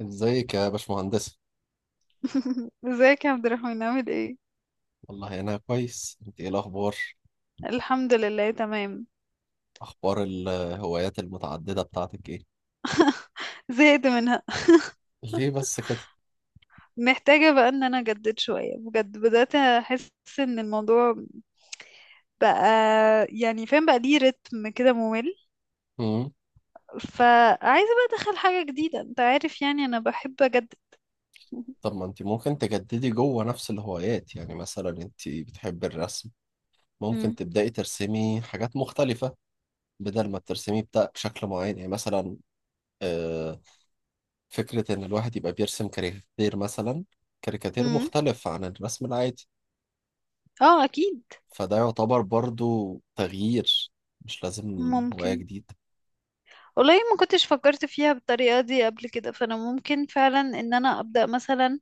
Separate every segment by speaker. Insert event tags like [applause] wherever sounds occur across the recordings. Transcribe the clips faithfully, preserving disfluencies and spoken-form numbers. Speaker 1: ازيك يا باشمهندسة؟
Speaker 2: [laughs] ازيك يا عبد الرحمن عامل ايه؟
Speaker 1: والله انا كويس، انت ايه الاخبار؟
Speaker 2: الحمد لله تمام.
Speaker 1: اخبار الهوايات المتعددة بتاعتك ايه؟
Speaker 2: زهقت منها.
Speaker 1: ليه بس كده؟
Speaker 2: محتاجة بقى ان انا اجدد شوية بجد، بدأت احس ان الموضوع بقى، يعني فاهم بقى ليه رتم كده ممل.
Speaker 1: امم
Speaker 2: فعايزة بقى ادخل حاجة جديدة، انت عارف، يعني انا بحب اجدد.
Speaker 1: طب ما انت ممكن تجددي جوه نفس الهوايات، يعني مثلا انت بتحبي الرسم، ممكن
Speaker 2: مم.
Speaker 1: تبدأي ترسمي حاجات مختلفة. بدل ما ترسمي بتا- بشكل معين، يعني مثلا آه، فكرة ان الواحد يبقى بيرسم كاريكاتير مثلا، كاريكاتير
Speaker 2: مم.
Speaker 1: مختلف عن الرسم العادي.
Speaker 2: اه اكيد.
Speaker 1: فده يعتبر برضو تغيير، مش لازم هواية
Speaker 2: ممكن.
Speaker 1: جديدة.
Speaker 2: والله ما كنتش فكرت فيها بالطريقة دي قبل كده، فانا ممكن فعلا ان انا ابدأ مثلا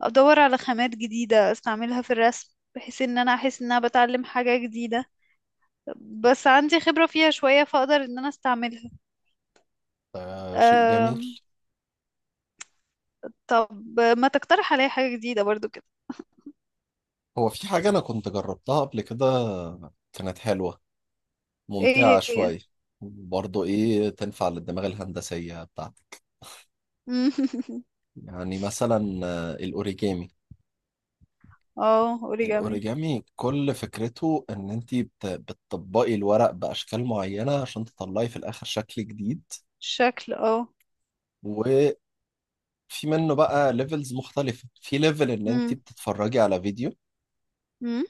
Speaker 2: ادور على خامات جديدة استعملها في الرسم، بحيث ان انا احس ان انا بتعلم حاجة جديدة، بس عندي خبرة فيها شوية فاقدر ان انا استعملها.
Speaker 1: آه، شيء جميل.
Speaker 2: أم... طب ما تقترح عليا حاجة جديدة برضو كده.
Speaker 1: هو في حاجة أنا كنت جربتها قبل كده، كانت حلوة، ممتعة
Speaker 2: ايه هي؟
Speaker 1: شوية. برضه إيه تنفع للدماغ الهندسية بتاعتك؟
Speaker 2: مم. [laughs]
Speaker 1: يعني مثلا آه، الأوريجامي.
Speaker 2: اه اوريجامي.
Speaker 1: الأوريجامي كل فكرته إن أنت بت- بتطبقي الورق بأشكال معينة عشان تطلعي في الآخر شكل جديد.
Speaker 2: شكل اه.
Speaker 1: وفي منه بقى ليفلز مختلفة، في ليفل إن أنت
Speaker 2: مم،
Speaker 1: بتتفرجي على فيديو
Speaker 2: مم،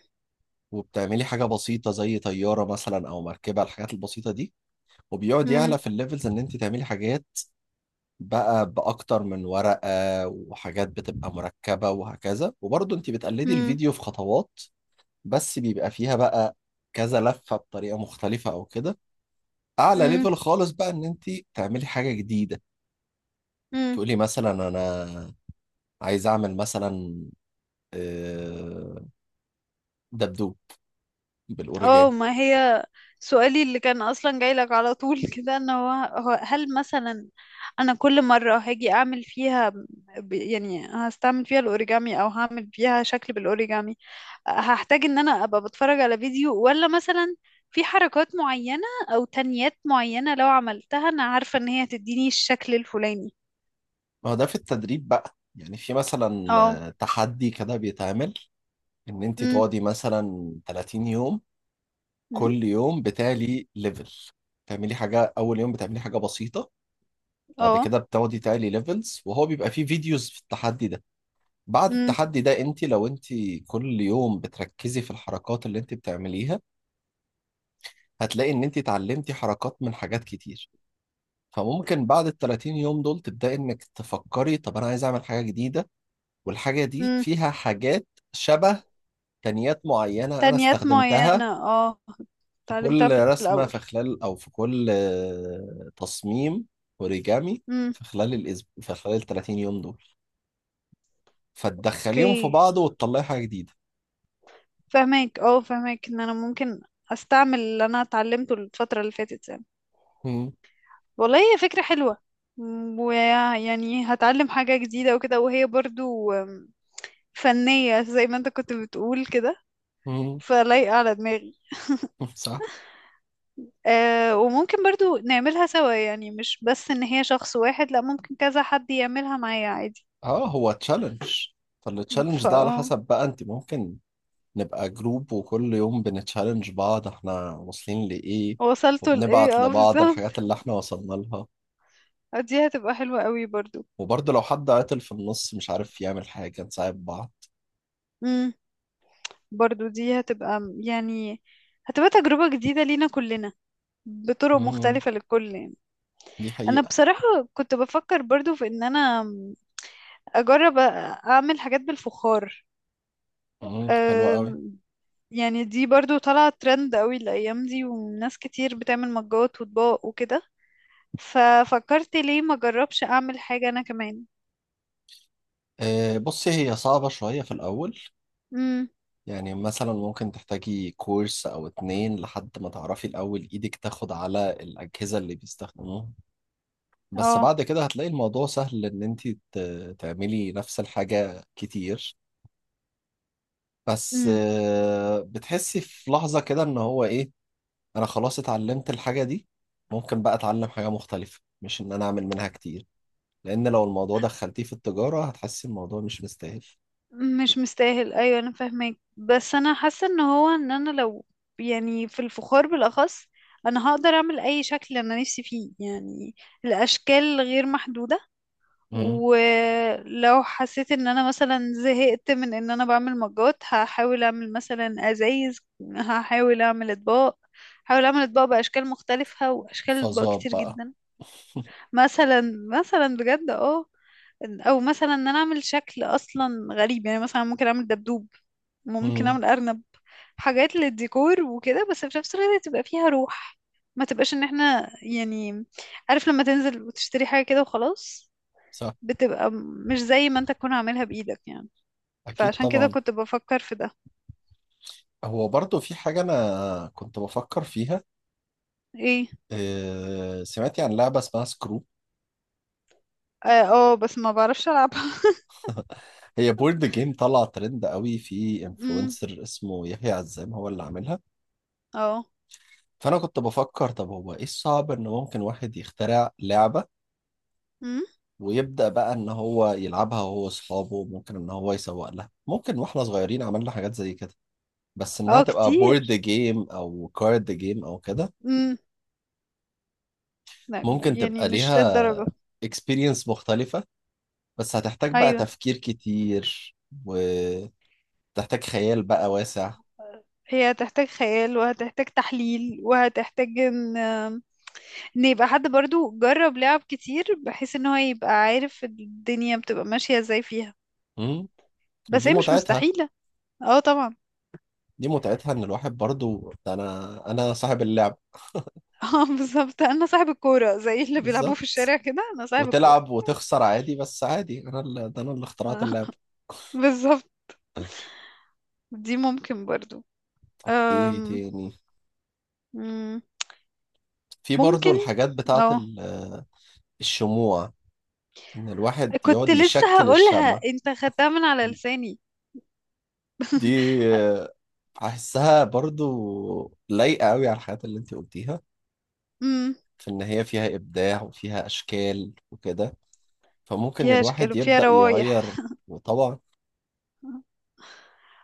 Speaker 1: وبتعملي حاجة بسيطة زي طيارة مثلا أو مركبة، الحاجات البسيطة دي. وبيقعد
Speaker 2: مم،
Speaker 1: يعلى في الليفلز ان انت تعملي حاجات بقى باكتر من ورقة، وحاجات بتبقى مركبة وهكذا، وبرضه انت بتقلدي
Speaker 2: مم،
Speaker 1: الفيديو في خطوات، بس بيبقى فيها بقى كذا لفة بطريقة مختلفة او كده. اعلى
Speaker 2: مم،
Speaker 1: ليفل خالص بقى ان انت تعملي حاجة جديدة،
Speaker 2: مم.
Speaker 1: تقولي مثلا انا عايز اعمل مثلا آه، دبدوب
Speaker 2: اه،
Speaker 1: بالاوريجامي.
Speaker 2: ما هي سؤالي اللي كان اصلا جاي لك على طول [laughs] كده، ان هو، هو هل مثلا انا كل مرة هاجي اعمل فيها، ب- يعني هستعمل فيها الاوريجامي او هعمل فيها شكل بالاوريجامي، هحتاج ان انا ابقى بتفرج على فيديو، ولا مثلا في حركات معينة او تنيات معينة لو عملتها انا عارفة ان هي تديني الشكل الفلاني؟
Speaker 1: ما هو ده في التدريب بقى، يعني في مثلا
Speaker 2: اه.
Speaker 1: آه، تحدي كده بيتعمل ان انت
Speaker 2: امم.
Speaker 1: تقعدي مثلا 30 يوم،
Speaker 2: أمم.
Speaker 1: كل يوم بتعلي ليفل، تعملي حاجة. أول يوم بتعملي حاجة بسيطة، بعد
Speaker 2: اه.
Speaker 1: كده بتقعدي تعلي ليفلز، وهو بيبقى فيه فيديوز في التحدي ده. بعد
Speaker 2: امم.
Speaker 1: التحدي ده انت لو انت كل يوم بتركزي في الحركات اللي انت بتعمليها، هتلاقي ان انت اتعلمتي حركات من حاجات كتير. فممكن بعد ال 30 يوم دول تبدأي انك تفكري طب انا عايز اعمل حاجة جديدة، والحاجة دي
Speaker 2: أمم.
Speaker 1: فيها حاجات شبه تقنيات معينة انا
Speaker 2: تنيات
Speaker 1: استخدمتها
Speaker 2: معينة، اه،
Speaker 1: في
Speaker 2: اتعلمتها
Speaker 1: كل
Speaker 2: في
Speaker 1: رسمة،
Speaker 2: الاول.
Speaker 1: في خلال أو في كل آه، تصميم أوريجامي،
Speaker 2: امم.
Speaker 1: في خلال الأسبوع، في خلال ال 30 يوم دول، فتدخليهم في
Speaker 2: اوكي.
Speaker 1: بعض وتطلعي حاجة جديدة.
Speaker 2: فهماك، اه فهماك ان انا ممكن استعمل اللي انا اتعلمته الفترة اللي فاتت، يعني.
Speaker 1: مم.
Speaker 2: والله هي فكرة حلوة. م- ويعني هتعلم حاجة جديدة وكده، وهي برضو أم، فنية زي ما انت كنت بتقول كده،
Speaker 1: مم.
Speaker 2: فلايقة على دماغي.
Speaker 1: صح.
Speaker 2: أه، وممكن برضو نعملها سوا، يعني مش بس ان هي شخص واحد، لا، ممكن كذا حد يعملها معايا عادي.
Speaker 1: اه، هو تشالنج، فالتشالنج
Speaker 2: فا
Speaker 1: ده على
Speaker 2: اه
Speaker 1: حسب بقى، انت ممكن نبقى جروب وكل يوم بنتشالنج بعض احنا واصلين لإيه،
Speaker 2: وصلتوا لايه
Speaker 1: وبنبعت
Speaker 2: اه
Speaker 1: لبعض
Speaker 2: بالظبط.
Speaker 1: الحاجات اللي احنا وصلنا لها،
Speaker 2: [laughs] دي هتبقى حلوة قوي برضو.
Speaker 1: وبرضه لو حد عطل في النص مش عارف يعمل حاجة نساعد بعض.
Speaker 2: مم. برضو دي هتبقى، م- يعني هتبقى تجربة جديدة لينا كلنا، بطرق
Speaker 1: مم.
Speaker 2: مختلفة للكل يعني.
Speaker 1: دي
Speaker 2: أنا
Speaker 1: حقيقة.
Speaker 2: بصراحة كنت بفكر برضو في إن أنا أجرب أ- أعمل حاجات بالفخار.
Speaker 1: مم. حلوة قوي.
Speaker 2: أم، يعني دي برضو طالعة ترند قوي الأيام دي، وناس كتير بتعمل مجات وأطباق وكده، ففكرت ليه ما أجربش أعمل حاجة أنا كمان.
Speaker 1: آه، بصي هي صعبة شوية في الأول،
Speaker 2: امم.
Speaker 1: يعني مثلا ممكن تحتاجي كورس أو اتنين لحد ما تعرفي الأول إيدك تاخد على الأجهزة اللي بيستخدموها. بس
Speaker 2: اه.
Speaker 1: بعد كده هتلاقي الموضوع سهل إن أنت ت- تعملي نفس الحاجة كتير. بس آه، بتحسي في لحظة كده إن هو إيه، أنا خلاص اتعلمت الحاجة دي، ممكن بقى أتعلم حاجة مختلفة مش إن أنا أعمل منها كتير، لأن لو الموضوع دخلتيه في التجارة هتحسي الموضوع مش مستاهل.
Speaker 2: مش مستاهل، ايوه انا فاهمك، بس انا حاسه ان هو، ان انا لو، يعني في الفخار بالاخص انا هقدر اعمل اي شكل انا نفسي فيه يعني، الاشكال غير محدوده.
Speaker 1: مم.
Speaker 2: ولو حسيت ان انا مثلا زهقت من ان انا بعمل مجات، هحاول اعمل مثلا ازايز، هحاول اعمل اطباق، هحاول اعمل اطباق باشكال مختلفه، واشكال اطباق
Speaker 1: فظاب
Speaker 2: كتير
Speaker 1: بقى.
Speaker 2: جدا. مثلا، مثلا بجد اه. او مثلا ان انا اعمل شكل اصلا غريب، يعني مثلا ممكن اعمل دبدوب، ممكن
Speaker 1: مم.
Speaker 2: اعمل ارنب، حاجات للديكور وكده، بس في نفس الوقت تبقى فيها روح، ما تبقاش ان احنا يعني، عارف لما تنزل وتشتري حاجة كده وخلاص،
Speaker 1: صح.
Speaker 2: بتبقى مش زي ما انت تكون عاملها بايدك يعني.
Speaker 1: أكيد
Speaker 2: فعشان كده
Speaker 1: طبعا.
Speaker 2: كنت بفكر في ده.
Speaker 1: هو برضه في حاجة أنا كنت بفكر فيها،
Speaker 2: ايه؟
Speaker 1: آه، سمعتي عن لعبة اسمها سكرو؟
Speaker 2: اه. آه، بس ما بعرفش العبها.
Speaker 1: هي بورد جيم، طلع ترند قوي، في
Speaker 2: [laughs] امم.
Speaker 1: انفلونسر اسمه يحيى عزام هو اللي عاملها.
Speaker 2: اه.
Speaker 1: فأنا كنت بفكر طب هو إيه الصعب إن ممكن واحد يخترع لعبة
Speaker 2: امم.
Speaker 1: ويبدأ بقى إن هو يلعبها هو وأصحابه، ممكن إن هو يسوق لها، ممكن. وإحنا صغيرين عملنا حاجات زي كده، بس إنها
Speaker 2: اه
Speaker 1: تبقى بورد
Speaker 2: كتير.
Speaker 1: جيم أو كارد جيم أو كده.
Speaker 2: امم. لا
Speaker 1: ممكن
Speaker 2: يعني
Speaker 1: تبقى
Speaker 2: مش للدرجة.
Speaker 1: ليها اكسبيرينس مختلفة، بس هتحتاج بقى
Speaker 2: ايوه،
Speaker 1: تفكير كتير، وتحتاج خيال بقى واسع.
Speaker 2: هي هتحتاج خيال، وهتحتاج تحليل، وهتحتاج ان، ان يبقى حد برضو جرب لعب كتير، بحيث ان هو يبقى عارف الدنيا بتبقى ماشية ازاي فيها،
Speaker 1: مم.
Speaker 2: بس
Speaker 1: ودي
Speaker 2: هي مش
Speaker 1: متعتها،
Speaker 2: مستحيلة. اه طبعا.
Speaker 1: دي متعتها ان الواحد برضو، ده انا انا صاحب اللعب.
Speaker 2: [laughs] اه بالظبط، انا صاحب الكورة، زي اللي بيلعبوا
Speaker 1: بالظبط.
Speaker 2: في الشارع كده، انا صاحب الكورة.
Speaker 1: وتلعب وتخسر عادي، بس عادي انا اللي ده، انا اللي اخترعت
Speaker 2: آه،
Speaker 1: اللعب.
Speaker 2: [laughs] بالظبط. دي ممكن برضو.
Speaker 1: طب ايه
Speaker 2: أم،
Speaker 1: تاني؟
Speaker 2: مم،
Speaker 1: في برضو
Speaker 2: ممكن.
Speaker 1: الحاجات بتاعت
Speaker 2: اه،
Speaker 1: ال- الشموع، ان الواحد
Speaker 2: كنت
Speaker 1: يقعد
Speaker 2: لسه
Speaker 1: يشكل
Speaker 2: هقولها،
Speaker 1: الشمع.
Speaker 2: انت خدتها من على لساني.
Speaker 1: دي آه، احسها برضو لايقة قوي على الحاجات اللي انت قلتيها،
Speaker 2: امم.
Speaker 1: في ان هي فيها ابداع وفيها اشكال وكده، فممكن
Speaker 2: فيها اشكال
Speaker 1: الواحد
Speaker 2: وفيها
Speaker 1: يبدأ يغير
Speaker 2: روايح.
Speaker 1: طبعه.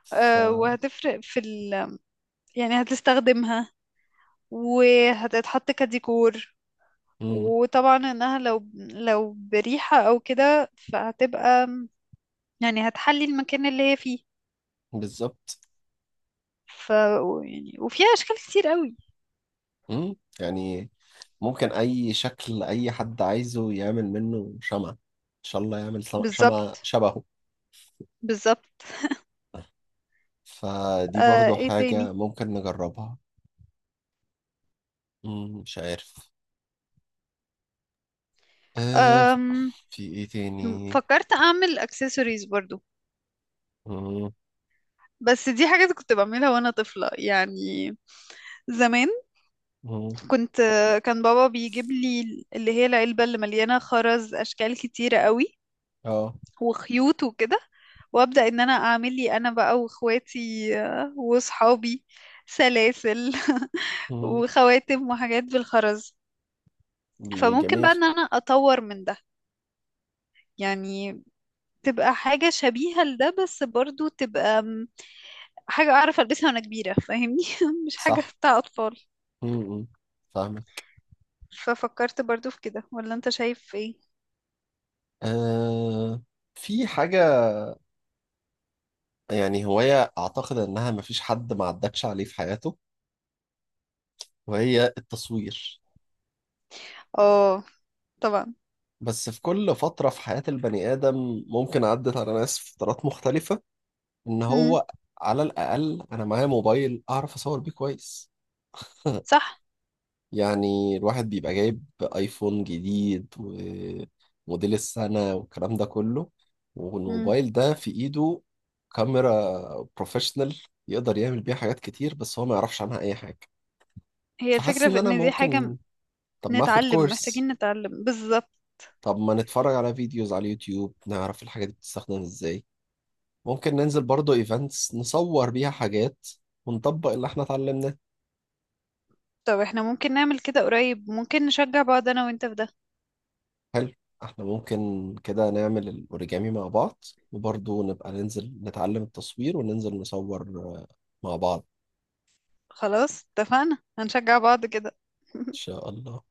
Speaker 1: ف
Speaker 2: آه، وهتفرق في ال، يعني هتستخدمها، وهتتحط كديكور،
Speaker 1: مم.
Speaker 2: وطبعا انها لو، لو بريحة او كده فهتبقى، يعني هتحلي المكان اللي هي فيه.
Speaker 1: بالظبط.
Speaker 2: ف، يعني وفيها اشكال كتير قوي.
Speaker 1: مم. يعني ممكن أي شكل أي حد عايزه يعمل منه شمعة، إن شاء الله يعمل سم- شمعة
Speaker 2: بالظبط.
Speaker 1: شبهه.
Speaker 2: بالظبط.
Speaker 1: فدي
Speaker 2: آه،
Speaker 1: برضو
Speaker 2: ايه
Speaker 1: حاجة
Speaker 2: تاني؟
Speaker 1: ممكن نجربها. مم. مش عارف. آه،
Speaker 2: آم.
Speaker 1: في إيه تاني؟
Speaker 2: فكرت اعمل اكسسوارز برضو،
Speaker 1: مم.
Speaker 2: بس دي حاجات كنت بعملها وانا طفلة يعني، زمان.
Speaker 1: مم.
Speaker 2: كنت، كان بابا بيجيب لي اللي هي العلبة اللي مليانة خرز، اشكال كتيرة قوي،
Speaker 1: آه.
Speaker 2: وخيوط وكده، وابدا ان انا اعمل لي انا بقى واخواتي آه، واصحابي سلاسل [laughs]
Speaker 1: مم.
Speaker 2: وخواتم وحاجات بالخرز.
Speaker 1: دي
Speaker 2: فممكن
Speaker 1: جميل.
Speaker 2: بقى ان انا اطور من ده، يعني تبقى حاجة شبيهة لده، بس برضو تبقى م، حاجة أعرف ألبسها وأنا كبيرة، فاهمني، [laughs] مش حاجة
Speaker 1: صح.
Speaker 2: بتاع أطفال.
Speaker 1: مم. مم. فاهمك.
Speaker 2: ففكرت برضو في كده، ولا أنت شايف إيه؟
Speaker 1: آه، في حاجة، يعني هواية أعتقد إنها مفيش حد ما عدتش عليه في حياته، وهي التصوير.
Speaker 2: آه. طبعا.
Speaker 1: بس في كل فترة في حياة البني آدم، ممكن عدت على ناس في فترات مختلفة، إن
Speaker 2: مم.
Speaker 1: هو على الأقل أنا معايا موبايل أعرف أصور بيه كويس.
Speaker 2: صح.
Speaker 1: يعني الواحد بيبقى جايب آيفون جديد وموديل السنة والكلام ده كله،
Speaker 2: مم.
Speaker 1: والموبايل ده في إيده كاميرا بروفيشنال، يقدر يعمل بيها حاجات كتير بس هو ما يعرفش عنها أي حاجة.
Speaker 2: هي
Speaker 1: فحاسس
Speaker 2: الفكرة
Speaker 1: إن
Speaker 2: في
Speaker 1: أنا
Speaker 2: إن دي حاجة
Speaker 1: ممكن، طب ما اخد
Speaker 2: نتعلم، محتاجين
Speaker 1: كورس،
Speaker 2: نتعلم بالظبط.
Speaker 1: طب ما نتفرج على فيديوز على اليوتيوب نعرف الحاجات دي بتستخدم ازاي، ممكن ننزل برضو ايفنتس نصور بيها حاجات ونطبق اللي احنا اتعلمناه.
Speaker 2: طب احنا ممكن نعمل كده قريب، ممكن نشجع بعض انا وانت في ده.
Speaker 1: حلو، احنا ممكن كده نعمل الاوريجامي مع بعض، وبرضو نبقى ننزل نتعلم التصوير وننزل نصور آه، مع بعض ان
Speaker 2: خلاص اتفقنا، هنشجع بعض كده. [laughs]
Speaker 1: شاء الله.